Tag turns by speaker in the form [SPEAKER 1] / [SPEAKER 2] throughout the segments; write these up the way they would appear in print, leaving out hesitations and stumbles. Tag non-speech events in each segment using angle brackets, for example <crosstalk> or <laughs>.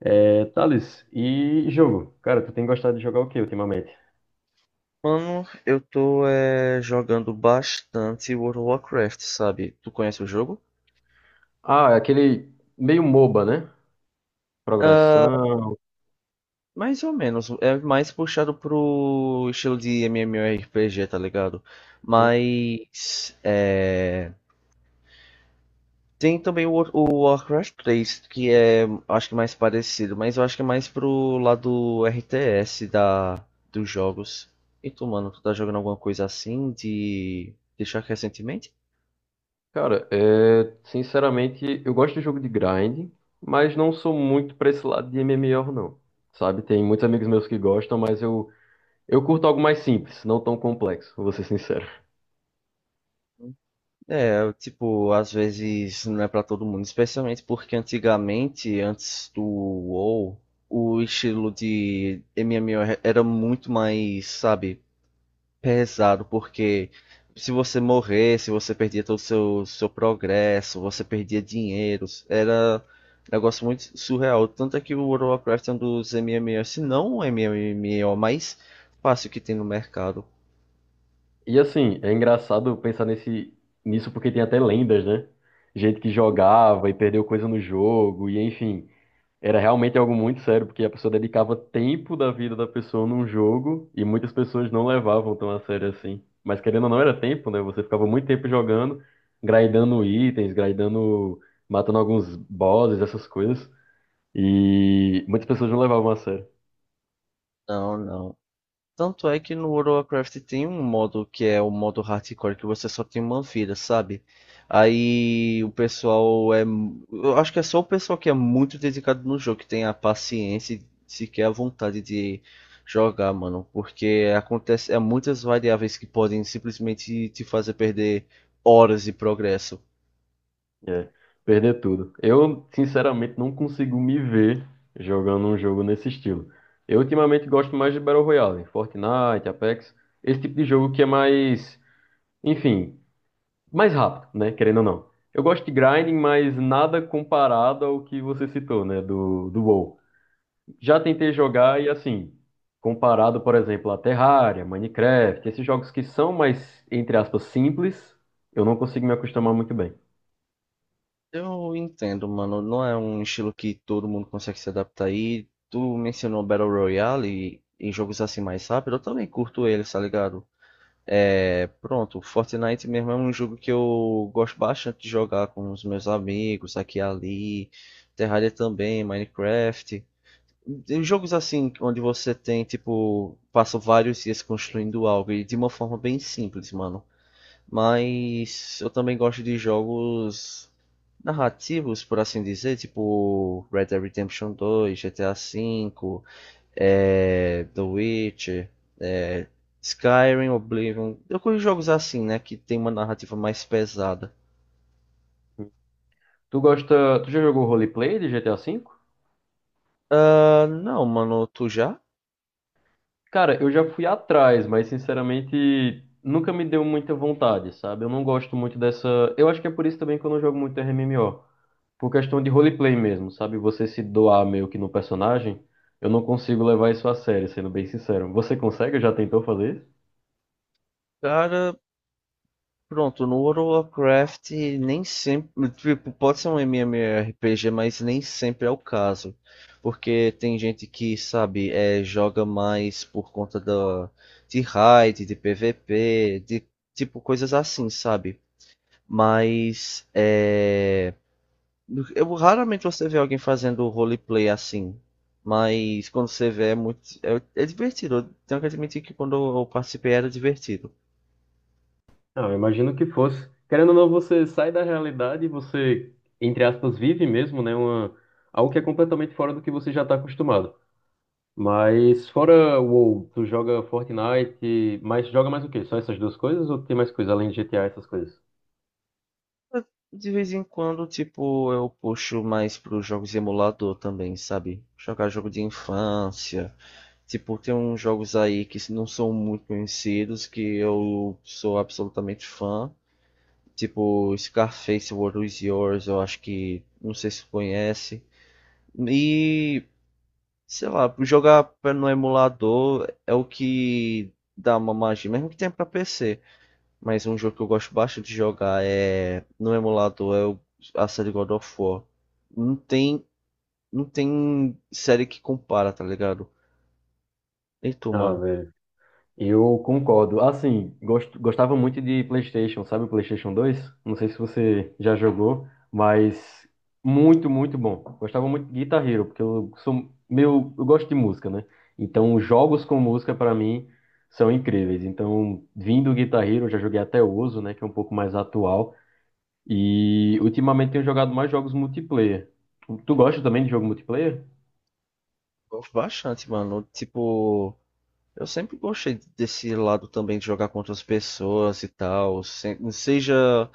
[SPEAKER 1] É, Thales, e jogo? Cara, tu tem gostado de jogar o que ultimamente?
[SPEAKER 2] Mano, eu tô jogando bastante World of Warcraft, sabe? Tu conhece o jogo?
[SPEAKER 1] Ah, é aquele meio MOBA, né?
[SPEAKER 2] Ah,
[SPEAKER 1] Progressão.
[SPEAKER 2] mais ou menos. É mais puxado pro estilo de MMORPG, tá ligado?
[SPEAKER 1] Né?
[SPEAKER 2] Mas tem também o Warcraft 3, que é, acho que mais parecido, mas eu acho que é mais pro lado RTS da, dos jogos. E tu, mano, tu tá jogando alguma coisa assim de deixar recentemente?
[SPEAKER 1] Cara, é, sinceramente, eu gosto de jogo de grind, mas não sou muito pra esse lado de MMO, não. Sabe? Tem muitos amigos meus que gostam, mas eu curto algo mais simples, não tão complexo, vou ser sincero.
[SPEAKER 2] É, eu, tipo, às vezes não é pra todo mundo, especialmente porque antigamente, antes do WoW, o estilo de MMO era muito mais, sabe, pesado, porque se você perdia todo o seu progresso, você perdia dinheiro. Era um negócio muito surreal. Tanto é que o World of Warcraft é um dos MMOs, se não o MMO mais fácil que tem no mercado.
[SPEAKER 1] E assim, é engraçado pensar nisso, porque tem até lendas, né? Gente que jogava e perdeu coisa no jogo, e enfim. Era realmente algo muito sério, porque a pessoa dedicava tempo da vida da pessoa num jogo e muitas pessoas não levavam tão a sério assim. Mas querendo ou não, era tempo, né? Você ficava muito tempo jogando, grindando itens, grindando, matando alguns bosses, essas coisas. E muitas pessoas não levavam a sério.
[SPEAKER 2] Não, não. Tanto é que no World of Warcraft tem um modo que é o modo hardcore, que você só tem uma vida, sabe? Aí o pessoal é. Eu acho que é só o pessoal que é muito dedicado no jogo, que tem a paciência e sequer a vontade de jogar, mano. Porque acontece, é muitas variáveis que podem simplesmente te fazer perder horas de progresso.
[SPEAKER 1] É, perder tudo. Eu, sinceramente, não consigo me ver jogando um jogo nesse estilo. Eu, ultimamente, gosto mais de Battle Royale, Fortnite, Apex, esse tipo de jogo que é mais. Enfim, mais rápido, né? Querendo ou não. Eu gosto de grinding, mas nada comparado ao que você citou, né? Do WoW. Já tentei jogar e assim, comparado, por exemplo, a Terraria, Minecraft, esses jogos que são mais, entre aspas, simples, eu não consigo me acostumar muito bem.
[SPEAKER 2] Eu entendo, mano. Não é um estilo que todo mundo consegue se adaptar. E tu mencionou Battle Royale e em jogos assim mais rápido. Eu também curto eles, tá ligado? É, pronto, Fortnite mesmo é um jogo que eu gosto bastante de jogar com os meus amigos, aqui e ali. Terraria também, Minecraft. Tem jogos assim, onde você tem, tipo, passa vários dias construindo algo e de uma forma bem simples, mano. Mas eu também gosto de jogos narrativos, por assim dizer, tipo Red Dead Redemption 2, GTA V, The Witcher, é, Skyrim, Oblivion. Eu curto jogos assim, né? Que tem uma narrativa mais pesada.
[SPEAKER 1] Tu gosta. Tu já jogou roleplay de GTA V?
[SPEAKER 2] Ah, não, mano, tu já?
[SPEAKER 1] Cara, eu já fui atrás, mas sinceramente nunca me deu muita vontade, sabe? Eu não gosto muito dessa. Eu acho que é por isso também que eu não jogo muito RMMO, por questão de roleplay mesmo, sabe? Você se doar meio que no personagem, eu não consigo levar isso a sério, sendo bem sincero. Você consegue? Já tentou fazer isso?
[SPEAKER 2] Cara, pronto, no World of Warcraft nem sempre, tipo, pode ser um MMORPG, mas nem sempre é o caso, porque tem gente que, sabe, joga mais por conta de raid, de PVP, de tipo coisas assim, sabe? Mas eu raramente você vê alguém fazendo roleplay assim, mas quando você vê é muito, é divertido. Eu tenho que admitir que quando eu participei era divertido.
[SPEAKER 1] Não, eu imagino que fosse. Querendo ou não, você sai da realidade e você, entre aspas, vive mesmo, né? Algo que é completamente fora do que você já está acostumado. Mas fora o WoW, tu joga Fortnite, mas joga mais o quê? Só essas duas coisas ou tem mais coisa além de GTA, essas coisas?
[SPEAKER 2] De vez em quando, tipo, eu puxo mais pros jogos de emulador também, sabe? Jogar jogo de infância. Tipo, tem uns jogos aí que não são muito conhecidos, que eu sou absolutamente fã. Tipo, Scarface, World Is Yours, eu acho que, não sei se tu conhece. E, sei lá, jogar no emulador é o que dá uma magia, mesmo que tenha pra PC. Mas um jogo que eu gosto bastante de jogar é no emulador a série God of War. Não tem, não tem série que compara, tá ligado? E tu,
[SPEAKER 1] Ah,
[SPEAKER 2] mano?
[SPEAKER 1] velho. Eu concordo. Assim, gostava muito de PlayStation, sabe, o PlayStation 2. Não sei se você já jogou, mas muito, muito bom. Gostava muito de Guitar Hero, porque eu gosto de música, né? Então, jogos com música pra mim são incríveis. Então, vindo do Guitar Hero, eu já joguei até o Ozo, né, que é um pouco mais atual, e ultimamente tenho jogado mais jogos multiplayer. Tu gosta também de jogo multiplayer?
[SPEAKER 2] Gosto bastante, mano. Tipo, eu sempre gostei desse lado também de jogar contra as pessoas e tal. Seja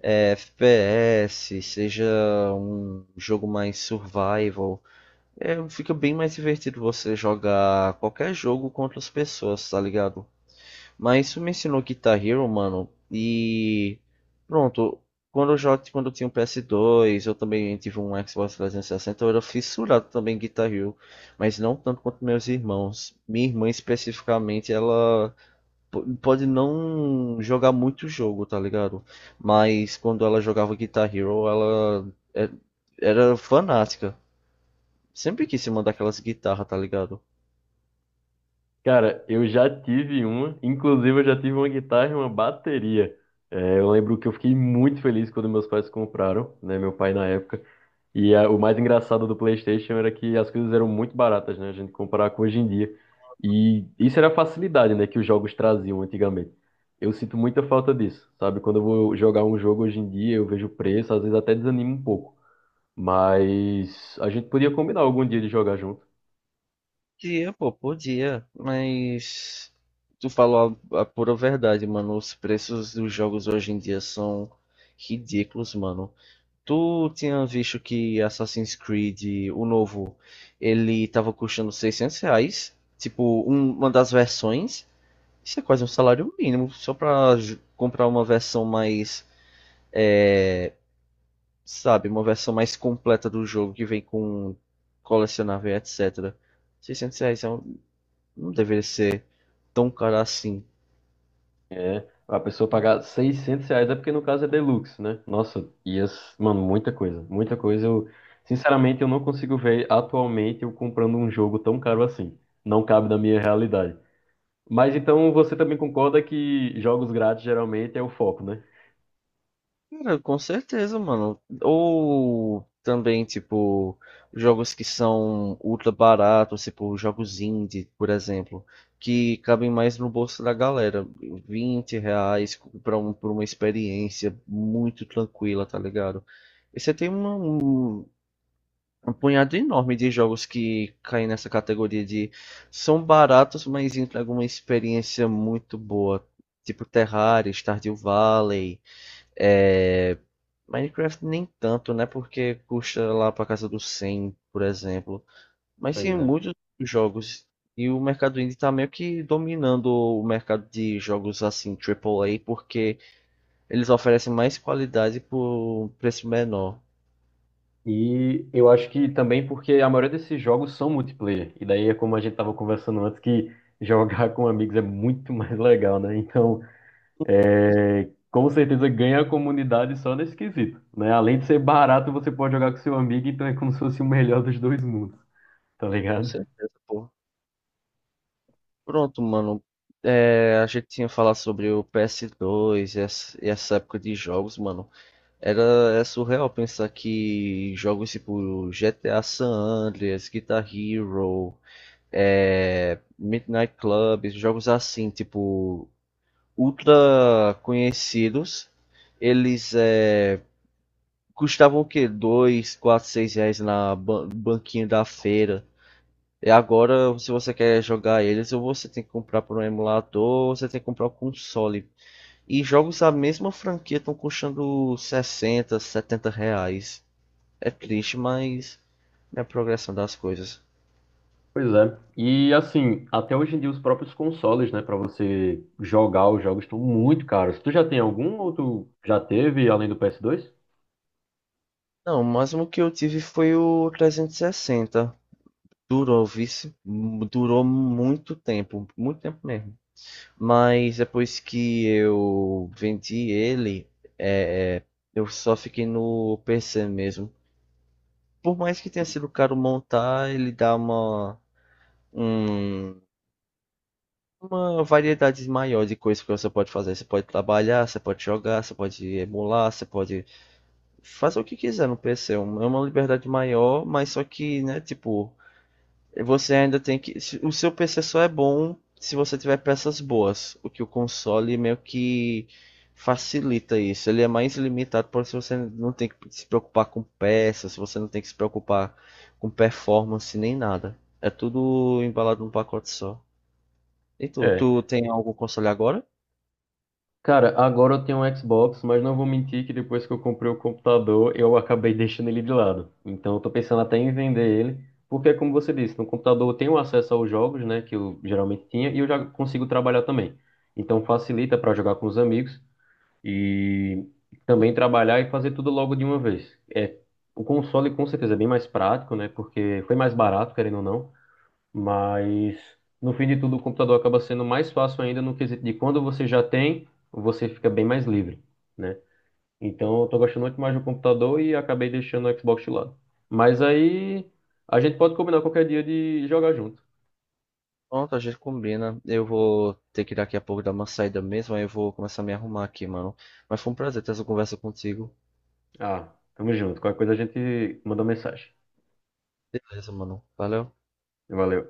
[SPEAKER 2] FPS, seja um jogo mais survival. É, fica bem mais divertido você jogar qualquer jogo contra as pessoas, tá ligado? Mas isso me ensinou Guitar Hero, mano. E pronto, quando eu tinha um PS2, eu também tive um Xbox 360, eu era fissurado também em Guitar Hero, mas não tanto quanto meus irmãos. Minha irmã especificamente, ela pode não jogar muito jogo, tá ligado? Mas quando ela jogava Guitar Hero, ela é- era fanática. Sempre quis se mandar aquelas guitarras, tá ligado?
[SPEAKER 1] Cara, eu já tive uma, inclusive eu já tive uma guitarra e uma bateria. É, eu lembro que eu fiquei muito feliz quando meus pais compraram, né, meu pai na época. E o mais engraçado do PlayStation era que as coisas eram muito baratas, né, a gente comparar com hoje em dia. E isso era a facilidade, né, que os jogos traziam antigamente. Eu sinto muita falta disso, sabe? Quando eu vou jogar um jogo hoje em dia, eu vejo o preço, às vezes até desanimo um pouco. Mas a gente podia combinar algum dia de jogar junto.
[SPEAKER 2] Podia, pô, podia, mas tu falou a pura verdade, mano. Os preços dos jogos hoje em dia são ridículos, mano. Tu tinha visto que Assassin's Creed, o novo, ele tava custando R$ 600, tipo, uma das versões. Isso é quase um salário mínimo, só pra comprar uma versão mais, sabe, uma versão mais completa do jogo, que vem com colecionável, etc. Seiscentos reais não deveria ser. Tão um cara assim.
[SPEAKER 1] É, a pessoa pagar R$ 600 é porque no caso é deluxe, né? Nossa, e as, mano, muita coisa, muita coisa. Eu, sinceramente, eu não consigo ver atualmente eu comprando um jogo tão caro assim. Não cabe na minha realidade. Mas então você também concorda que jogos grátis geralmente é o foco, né?
[SPEAKER 2] Cara, com certeza, mano. Ou também, tipo, jogos que são ultra baratos, tipo, jogos indie, por exemplo, que cabem mais no bolso da galera. Vinte reais pra, pra uma experiência muito tranquila, tá ligado? E você tem um punhado enorme de jogos que caem nessa categoria de são baratos, mas entregam uma experiência muito boa. Tipo Terraria, Stardew Valley, é, Minecraft nem tanto, né? Porque custa lá pra casa dos 100, por exemplo. Mas
[SPEAKER 1] Pois
[SPEAKER 2] sim,
[SPEAKER 1] é.
[SPEAKER 2] muitos jogos. E o mercado indie tá meio que dominando o mercado de jogos assim, triplo A, porque eles oferecem mais qualidade por um preço menor.
[SPEAKER 1] E eu acho que também porque a maioria desses jogos são multiplayer. E daí é como a gente tava conversando antes, que jogar com amigos é muito <laughs> mais legal, né? Então, é, com certeza ganha a comunidade só nesse quesito, né? Além de ser barato, você pode jogar com seu amigo, então é como se fosse o melhor dos dois mundos, tá
[SPEAKER 2] Com
[SPEAKER 1] ligado?
[SPEAKER 2] certeza, pô. Pronto, mano. É, a gente tinha falado sobre o PS2 e essa época de jogos, mano. É surreal pensar que jogos tipo GTA San Andreas, Guitar Hero, Midnight Club, jogos assim, tipo, ultra conhecidos, eles custavam o quê? 2, 4, R$ 6 na banquinha da feira. E agora, se você quer jogar eles, ou você tem que comprar por um emulador, ou você tem que comprar o um console. E jogos da mesma franquia estão custando R$ 60, R$ 70. É triste, mas é a progressão das coisas.
[SPEAKER 1] Pois é. E assim, até hoje em dia os próprios consoles, né, pra você jogar os jogos estão muito caros. Tu já tem algum ou tu já teve além do PS2?
[SPEAKER 2] Não, o máximo que eu tive foi o 360. Durou, vice, Durou muito tempo mesmo. Mas depois que eu vendi ele, é, é, eu só fiquei no PC mesmo. Por mais que tenha sido caro montar, ele dá um- uma variedade maior de coisas que você pode fazer. Você pode trabalhar, você pode jogar, você pode emular, você pode fazer o que quiser no PC. É uma liberdade maior, mas só que, né, tipo, você ainda tem que. O seu PC só é bom se você tiver peças boas. O que o console meio que facilita isso. Ele é mais limitado por se você não tem que se preocupar com peças, você não tem que se preocupar com performance nem nada. É tudo embalado num pacote só. E tu, tem algum console agora?
[SPEAKER 1] Cara, agora eu tenho um Xbox, mas não vou mentir que depois que eu comprei o computador, eu acabei <laughs> deixando ele de lado. Então eu tô pensando até em vender ele, porque é como você disse, no computador eu tenho acesso aos jogos, né, que eu geralmente tinha, e eu já consigo trabalhar também. Então facilita para jogar com os amigos e também trabalhar e fazer tudo logo de uma vez. É, o console com certeza é bem mais prático, né, porque foi mais barato, querendo ou não. Mas no fim de tudo, o computador acaba sendo mais fácil ainda no quesito de quando você já tem, você fica bem mais livre, né? Então eu tô gostando muito mais do computador e acabei deixando o Xbox de lado. Mas aí a gente pode combinar qualquer dia de jogar junto.
[SPEAKER 2] Pronto, a gente combina. Eu vou ter que daqui a pouco dar uma saída mesmo, aí eu vou começar a me arrumar aqui, mano. Mas foi um prazer ter essa conversa contigo.
[SPEAKER 1] Ah, tamo junto. Qualquer coisa a gente manda mensagem.
[SPEAKER 2] Beleza, mano. Valeu.
[SPEAKER 1] Valeu.